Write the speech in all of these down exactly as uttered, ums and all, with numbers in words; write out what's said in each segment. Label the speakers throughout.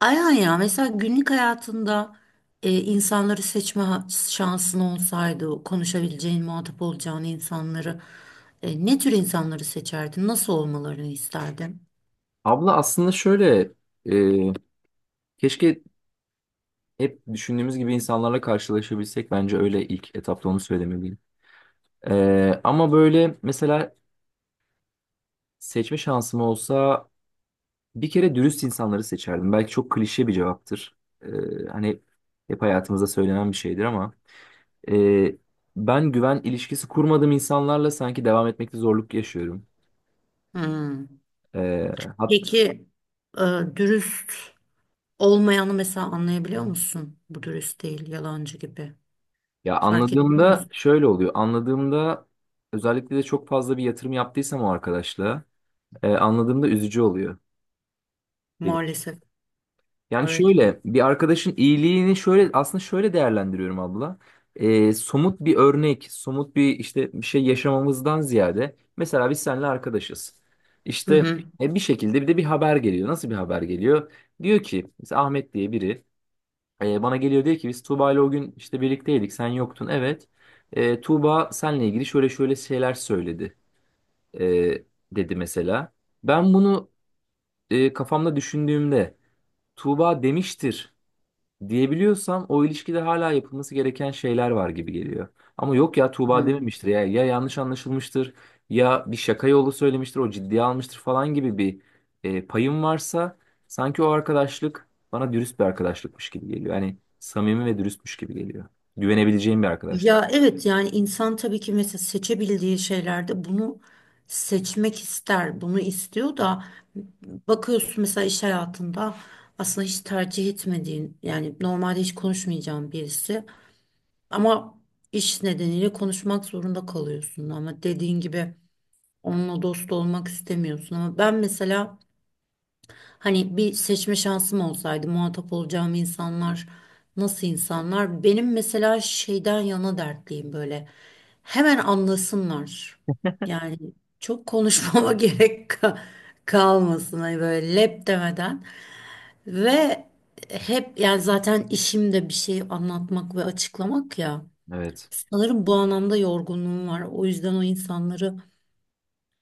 Speaker 1: Aynen ya, mesela günlük hayatında e, insanları seçme ha- şansın olsaydı, konuşabileceğin, muhatap olacağın insanları, e, ne tür insanları seçerdin? Nasıl olmalarını isterdin?
Speaker 2: Abla aslında şöyle e, keşke hep düşündüğümüz gibi insanlarla karşılaşabilsek bence öyle ilk etapta onu söylemeliyim. E, ama böyle mesela seçme şansım olsa bir kere dürüst insanları seçerdim. Belki çok klişe bir cevaptır. E, Hani hep hayatımızda söylenen bir şeydir ama e, ben güven ilişkisi kurmadığım insanlarla sanki devam etmekte zorluk yaşıyorum.
Speaker 1: Hmm.
Speaker 2: E, hat,
Speaker 1: Peki, e, dürüst olmayanı mesela anlayabiliyor musun? Bu dürüst değil, yalancı gibi.
Speaker 2: ya
Speaker 1: Fark edebiliyor
Speaker 2: anladığımda
Speaker 1: musun?
Speaker 2: şöyle oluyor. Anladığımda özellikle de çok fazla bir yatırım yaptıysam o arkadaşla, e, anladığımda üzücü oluyor benim.
Speaker 1: Maalesef.
Speaker 2: Yani
Speaker 1: Evet.
Speaker 2: şöyle bir arkadaşın iyiliğini şöyle aslında şöyle değerlendiriyorum abla. E, somut bir örnek, somut bir işte bir şey yaşamamızdan ziyade mesela biz seninle arkadaşız.
Speaker 1: Hı
Speaker 2: İşte
Speaker 1: hı.
Speaker 2: e, bir şekilde bir de bir haber geliyor. Nasıl bir haber geliyor? Diyor ki mesela Ahmet diye biri e, bana geliyor diyor ki biz Tuğba ile o gün işte birlikteydik sen yoktun evet. E, Tuğba seninle ilgili şöyle şöyle şeyler söyledi e, dedi mesela. Ben bunu e, kafamda düşündüğümde Tuğba demiştir diyebiliyorsam o ilişkide hala yapılması gereken şeyler var gibi geliyor. Ama yok ya Tuğba
Speaker 1: Hı.
Speaker 2: dememiştir ya, ya yanlış anlaşılmıştır ya bir şaka yolu söylemiştir o ciddiye almıştır falan gibi bir e, payım varsa sanki o arkadaşlık bana dürüst bir arkadaşlıkmış gibi geliyor. Yani samimi ve dürüstmüş gibi geliyor. Güvenebileceğim bir arkadaşlık.
Speaker 1: Ya evet, yani insan tabii ki mesela seçebildiği şeylerde bunu seçmek ister, bunu istiyor da bakıyorsun mesela iş hayatında aslında hiç tercih etmediğin, yani normalde hiç konuşmayacağın birisi ama iş nedeniyle konuşmak zorunda kalıyorsun, ama dediğin gibi onunla dost olmak istemiyorsun. Ama ben mesela hani bir seçme şansım olsaydı, muhatap olacağım insanlar nasıl insanlar? Benim mesela şeyden yana dertliyim böyle. Hemen anlasınlar. Yani çok konuşmama gerek ka- kalmasın, hani böyle lep demeden. Ve hep yani zaten işimde bir şey anlatmak ve açıklamak ya.
Speaker 2: Evet.
Speaker 1: Sanırım bu anlamda yorgunluğum var. O yüzden o insanları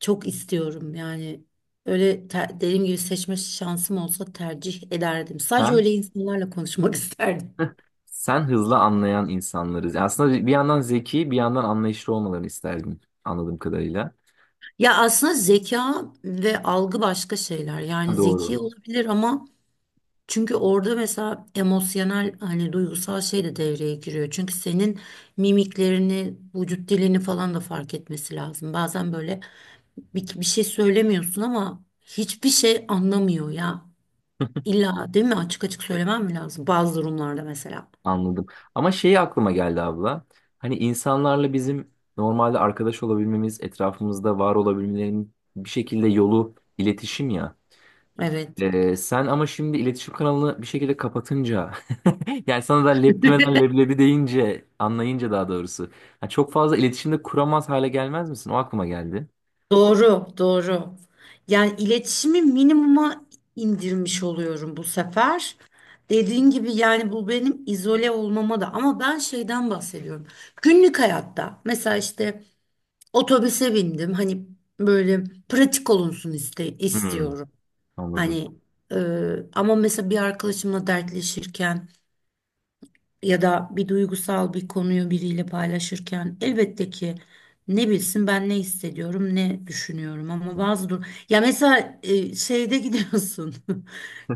Speaker 1: çok istiyorum yani. Öyle, te- dediğim gibi seçme şansım olsa tercih ederdim. Sadece
Speaker 2: Sen?
Speaker 1: öyle insanlarla konuşmak isterdim.
Speaker 2: Sen hızlı anlayan insanlarız. Aslında bir yandan zeki, bir yandan anlayışlı olmalarını isterdim anladığım kadarıyla.
Speaker 1: Ya aslında zeka ve algı başka şeyler. Yani
Speaker 2: Ha, doğru.
Speaker 1: zeki olabilir ama çünkü orada mesela emosyonel, hani duygusal şey de devreye giriyor. Çünkü senin mimiklerini, vücut dilini falan da fark etmesi lazım. Bazen böyle bir, bir şey söylemiyorsun ama hiçbir şey anlamıyor ya. İlla değil mi? Açık açık söylemem mi lazım? Bazı durumlarda mesela.
Speaker 2: Anladım. Ama şeyi aklıma geldi abla. Hani insanlarla bizim normalde arkadaş olabilmemiz, etrafımızda var olabilmelerinin bir şekilde yolu iletişim ya.
Speaker 1: Evet.
Speaker 2: Ee, sen ama şimdi iletişim kanalını bir şekilde kapatınca yani sana da leblemeden leblebi deyince anlayınca daha doğrusu ha, çok fazla iletişimde kuramaz hale gelmez misin? O aklıma geldi.
Speaker 1: Doğru, doğru. Yani iletişimi minimuma indirmiş oluyorum bu sefer. Dediğin gibi, yani bu benim izole olmama da, ama ben şeyden bahsediyorum. Günlük hayatta mesela işte otobüse bindim, hani böyle pratik olunsun iste-
Speaker 2: Hmm,
Speaker 1: istiyorum.
Speaker 2: anladım.
Speaker 1: Hani e, ama mesela bir arkadaşımla dertleşirken ya da bir duygusal bir konuyu biriyle paylaşırken elbette ki ne bilsin ben ne hissediyorum, ne düşünüyorum. Ama bazı dur, ya mesela e, şeyde gidiyorsun,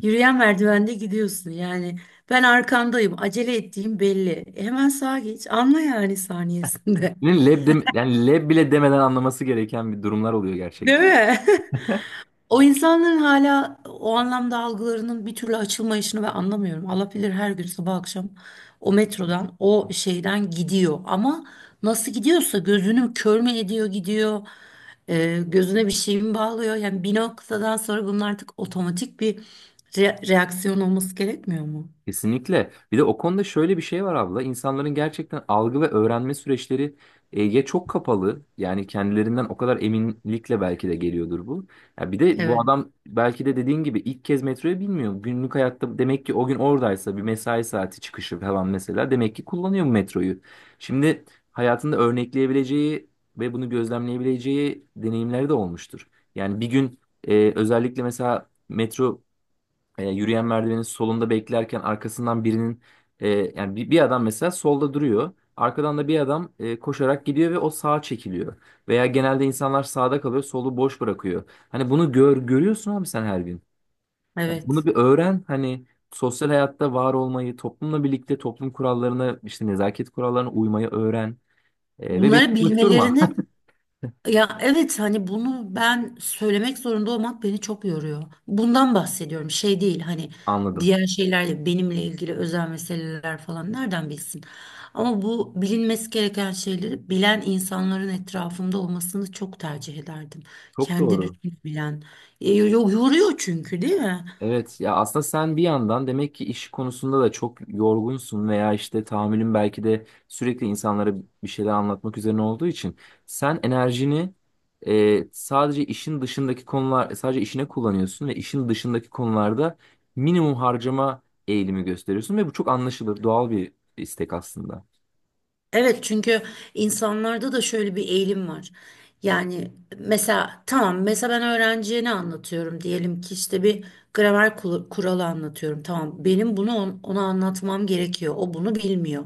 Speaker 1: yürüyen merdivende gidiyorsun yani, ben arkandayım, acele ettiğim belli. E, hemen sağa geç, anla yani saniyesinde.
Speaker 2: Yani leb, dem- yani leb bile demeden anlaması gereken bir durumlar oluyor.
Speaker 1: Değil mi? O insanların hala o anlamda algılarının bir türlü açılmayışını ben anlamıyorum. Allah bilir her gün sabah akşam o metrodan, o şeyden gidiyor. Ama nasıl gidiyorsa, gözünü kör mü ediyor gidiyor, e, gözüne bir şey mi bağlıyor? Yani bir noktadan sonra bunun artık otomatik bir re- reaksiyon olması gerekmiyor mu?
Speaker 2: Kesinlikle. Bir de o konuda şöyle bir şey var abla. İnsanların gerçekten algı ve öğrenme süreçleri e, ya çok kapalı. Yani kendilerinden o kadar eminlikle belki de geliyordur bu. Ya bir de bu
Speaker 1: Evet,
Speaker 2: adam belki de dediğin gibi ilk kez metroyu bilmiyor. Günlük hayatta demek ki o gün oradaysa bir mesai saati çıkışı falan mesela demek ki kullanıyor bu metroyu. Şimdi hayatında örnekleyebileceği ve bunu gözlemleyebileceği deneyimleri de olmuştur. Yani bir gün e, özellikle mesela metro e, yürüyen merdivenin solunda beklerken arkasından birinin, e, yani bir, bir adam mesela solda duruyor. Arkadan da bir adam e, koşarak gidiyor ve o sağa çekiliyor. Veya genelde insanlar sağda kalıyor, solu boş bırakıyor. Hani bunu gör görüyorsun abi sen her gün. Yani bunu
Speaker 1: evet.
Speaker 2: bir öğren, hani sosyal hayatta var olmayı, toplumla birlikte toplum kurallarına, işte nezaket kurallarına uymayı öğren. E, ve beni
Speaker 1: Bunları
Speaker 2: unutturma.
Speaker 1: bilmelerini... Ya evet, hani bunu ben söylemek zorunda olmak beni çok yoruyor. Bundan bahsediyorum. Şey değil hani,
Speaker 2: Anladım.
Speaker 1: diğer şeylerle benimle ilgili özel meseleler falan nereden bilsin. Ama bu bilinmesi gereken şeyleri bilen insanların etrafımda olmasını çok tercih ederdim.
Speaker 2: Çok
Speaker 1: Kendi
Speaker 2: doğru.
Speaker 1: düşünebilen. E, yo- Yoruyor çünkü, değil mi?
Speaker 2: Evet ya, aslında sen bir yandan demek ki iş konusunda da çok yorgunsun veya işte tahammülün belki de sürekli insanlara bir şeyler anlatmak üzerine olduğu için sen enerjini e, sadece işin dışındaki konular e, sadece işine kullanıyorsun ve işin dışındaki konularda minimum harcama eğilimi gösteriyorsun ve bu çok anlaşılır doğal bir istek aslında.
Speaker 1: Evet, çünkü insanlarda da şöyle bir eğilim var. Yani mesela tamam, mesela ben öğrenciye ne anlatıyorum, diyelim ki işte bir gramer kul- kuralı anlatıyorum. Tamam, benim bunu on- ona anlatmam gerekiyor. O bunu bilmiyor.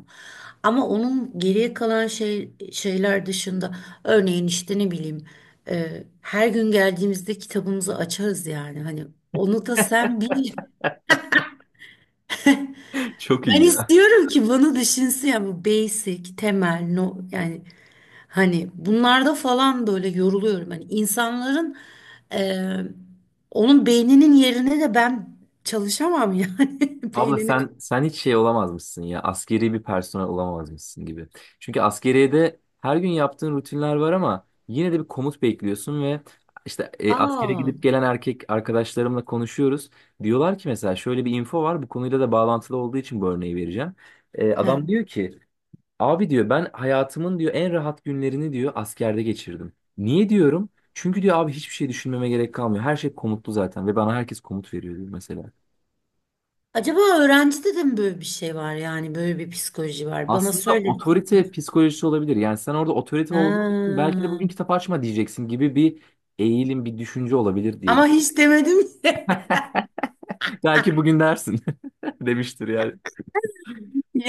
Speaker 1: Ama onun geriye kalan şey şeyler dışında, örneğin işte ne bileyim, e, her gün geldiğimizde kitabımızı açarız yani. Hani onu da sen bil.
Speaker 2: Çok
Speaker 1: Ben
Speaker 2: iyi.
Speaker 1: istiyorum ki bunu düşünsün ya, bu basic, temel, no, yani hani bunlarda falan böyle yoruluyorum. Hani insanların, e, onun beyninin yerine de ben çalışamam yani.
Speaker 2: Abla
Speaker 1: beynini. ku-
Speaker 2: sen sen hiç şey olamazmışsın ya. Askeri bir personel olamazmışsın gibi. Çünkü askeriyede her gün yaptığın rutinler var ama yine de bir komut bekliyorsun ve işte e, askere
Speaker 1: Aa,
Speaker 2: gidip gelen erkek arkadaşlarımla konuşuyoruz. Diyorlar ki mesela şöyle bir info var. Bu konuyla da bağlantılı olduğu için bu örneği vereceğim. E,
Speaker 1: he.
Speaker 2: adam diyor ki abi diyor ben hayatımın diyor en rahat günlerini diyor askerde geçirdim. Niye diyorum? Çünkü diyor abi hiçbir şey düşünmeme gerek kalmıyor. Her şey komutlu zaten ve bana herkes komut veriyor diyor mesela.
Speaker 1: Acaba öğrencide de mi böyle bir şey var, yani böyle bir psikoloji var? Bana
Speaker 2: Aslında
Speaker 1: söylesin.
Speaker 2: otorite psikolojisi olabilir. Yani sen orada otorite olduğun için
Speaker 1: Ha.
Speaker 2: belki de bugün kitap açma diyeceksin gibi bir eğilim, bir düşünce olabilir diye.
Speaker 1: Ama hiç demedim ki.
Speaker 2: Belki bugün dersin demiştir yani.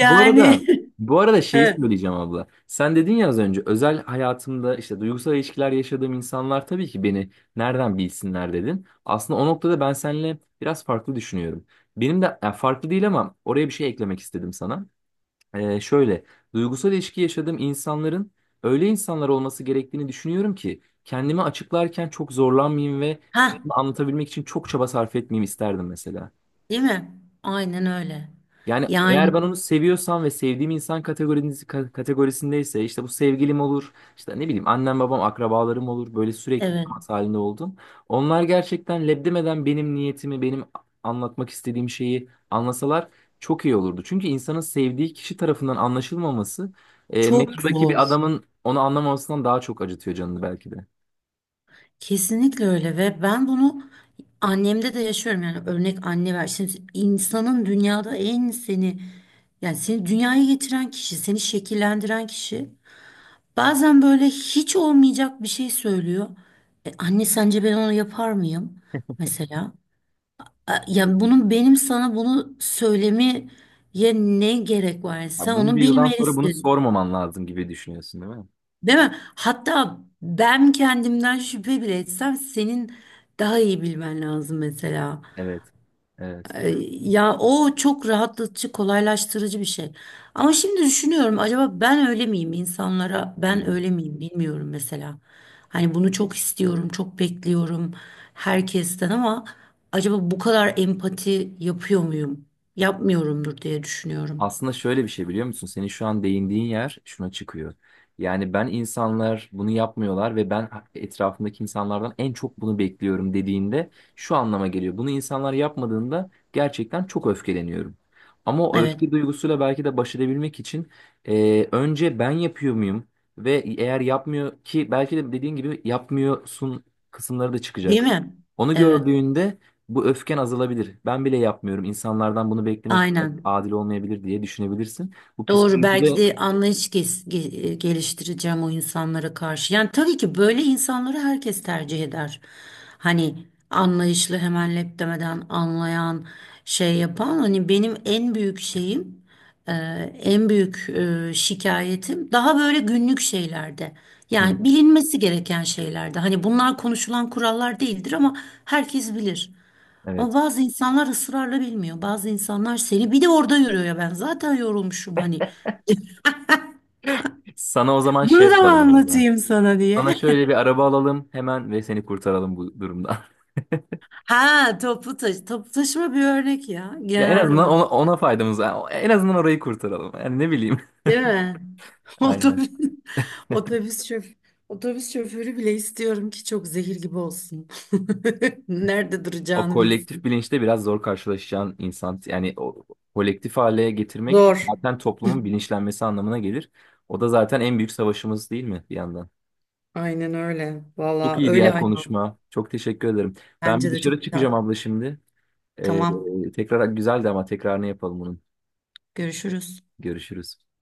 Speaker 2: Bu arada bu arada şeyi
Speaker 1: He.
Speaker 2: söyleyeceğim abla. Sen dedin ya az önce özel hayatımda işte duygusal ilişkiler yaşadığım insanlar tabii ki beni nereden bilsinler dedin. Aslında o noktada ben seninle biraz farklı düşünüyorum. Benim de yani farklı değil ama oraya bir şey eklemek istedim sana. Ee, şöyle, duygusal ilişki yaşadığım insanların öyle insanlar olması gerektiğini düşünüyorum ki kendimi açıklarken çok zorlanmayayım ve
Speaker 1: Ha,
Speaker 2: kendimi anlatabilmek için çok çaba sarf etmeyeyim isterdim mesela.
Speaker 1: değil mi? Aynen öyle.
Speaker 2: Yani
Speaker 1: Yani.
Speaker 2: eğer ben onu seviyorsam ve sevdiğim insan kategorisi, ka- kategorisindeyse işte bu sevgilim olur, işte ne bileyim annem babam akrabalarım olur böyle sürekli
Speaker 1: Evet,
Speaker 2: temas halinde oldum. Onlar gerçekten lebdemeden benim niyetimi, benim anlatmak istediğim şeyi anlasalar çok iyi olurdu. Çünkü insanın sevdiği kişi tarafından anlaşılmaması, e,
Speaker 1: çok
Speaker 2: metrodaki
Speaker 1: zor.
Speaker 2: bir adamın onu anlamamasından daha çok acıtıyor canını belki de.
Speaker 1: Kesinlikle öyle, ve ben bunu annemde de yaşıyorum, yani örnek anne ver. Şimdi insanın dünyada en seni, yani seni dünyaya getiren kişi, seni şekillendiren kişi bazen böyle hiç olmayacak bir şey söylüyor. E, anne sence ben onu yapar mıyım? Mesela. E, yani bunun benim sana bunu söylemeye ne gerek var? Yani
Speaker 2: Ya
Speaker 1: sen
Speaker 2: bunca
Speaker 1: onu
Speaker 2: yıldan sonra bunu
Speaker 1: bilmelisin.
Speaker 2: sormaman lazım gibi düşünüyorsun değil mi?
Speaker 1: Değil mi? Hatta ben kendimden şüphe bile etsem senin daha iyi bilmen lazım mesela.
Speaker 2: Evet. Evet.
Speaker 1: Ee, ya o çok rahatlatıcı, kolaylaştırıcı bir şey. Ama şimdi düşünüyorum, acaba ben öyle miyim insanlara?
Speaker 2: Hı.
Speaker 1: Ben öyle miyim, bilmiyorum mesela. Hani bunu çok istiyorum, çok bekliyorum herkesten, ama acaba bu kadar empati yapıyor muyum? Yapmıyorumdur diye düşünüyorum.
Speaker 2: Aslında şöyle bir şey biliyor musun? Senin şu an değindiğin yer şuna çıkıyor. Yani ben insanlar bunu yapmıyorlar ve ben etrafımdaki insanlardan en çok bunu bekliyorum dediğinde şu anlama geliyor. Bunu insanlar yapmadığında gerçekten çok öfkeleniyorum. Ama o
Speaker 1: Evet.
Speaker 2: öfke duygusuyla belki de baş edebilmek için e, önce ben yapıyor muyum? Ve eğer yapmıyor ki belki de dediğin gibi yapmıyorsun kısımları da
Speaker 1: Değil
Speaker 2: çıkacak.
Speaker 1: mi?
Speaker 2: Onu
Speaker 1: Evet.
Speaker 2: gördüğünde bu öfken azalabilir. Ben bile yapmıyorum. İnsanlardan bunu beklemek
Speaker 1: Aynen.
Speaker 2: adil olmayabilir diye düşünebilirsin. Bu
Speaker 1: Doğru, belki
Speaker 2: psikolojide.
Speaker 1: de anlayış ges- ge- e, geliştireceğim o insanlara karşı. Yani tabii ki böyle insanları herkes tercih eder. Hani anlayışlı, hemen lep demeden anlayan, şey yapan, hani benim en büyük şeyim, e, en büyük e, şikayetim daha böyle günlük şeylerde.
Speaker 2: Hı,
Speaker 1: Yani bilinmesi gereken şeylerde. Hani bunlar konuşulan kurallar değildir ama herkes bilir. Ama
Speaker 2: evet.
Speaker 1: bazı insanlar ısrarla bilmiyor. Bazı insanlar, seni bir de orada yürüyor ya, ben zaten yorulmuşum hani.
Speaker 2: Sana o zaman şey
Speaker 1: Bunu da mı
Speaker 2: yapalım abla.
Speaker 1: anlatayım sana diye.
Speaker 2: Sana şöyle bir araba alalım hemen ve seni kurtaralım bu durumdan.
Speaker 1: Ha toplu taşı. Toplu taşıma bir örnek ya,
Speaker 2: Ya en
Speaker 1: genel
Speaker 2: azından
Speaker 1: olarak.
Speaker 2: ona, ona faydamız var. En azından orayı kurtaralım. Yani ne bileyim.
Speaker 1: Değil mi?
Speaker 2: Aynen.
Speaker 1: Otobüs, otobüs şoförü. Otobüs şoförü bile istiyorum ki çok zehir gibi olsun. Nerede
Speaker 2: O
Speaker 1: duracağını
Speaker 2: kolektif
Speaker 1: bilsin.
Speaker 2: bilinçte biraz zor karşılaşacağın insan. Yani o kolektif hale getirmek
Speaker 1: Zor.
Speaker 2: zaten toplumun bilinçlenmesi anlamına gelir. O da zaten en büyük savaşımız değil mi bir yandan?
Speaker 1: Aynen öyle.
Speaker 2: Çok
Speaker 1: Valla
Speaker 2: iyi
Speaker 1: öyle
Speaker 2: diğer
Speaker 1: ayol.
Speaker 2: konuşma. Çok teşekkür ederim. Ben bir
Speaker 1: Bence de
Speaker 2: dışarı
Speaker 1: çok güzel.
Speaker 2: çıkacağım abla şimdi.
Speaker 1: Tamam.
Speaker 2: Ee, tekrar güzeldi ama tekrarını yapalım bunun.
Speaker 1: Görüşürüz.
Speaker 2: Görüşürüz.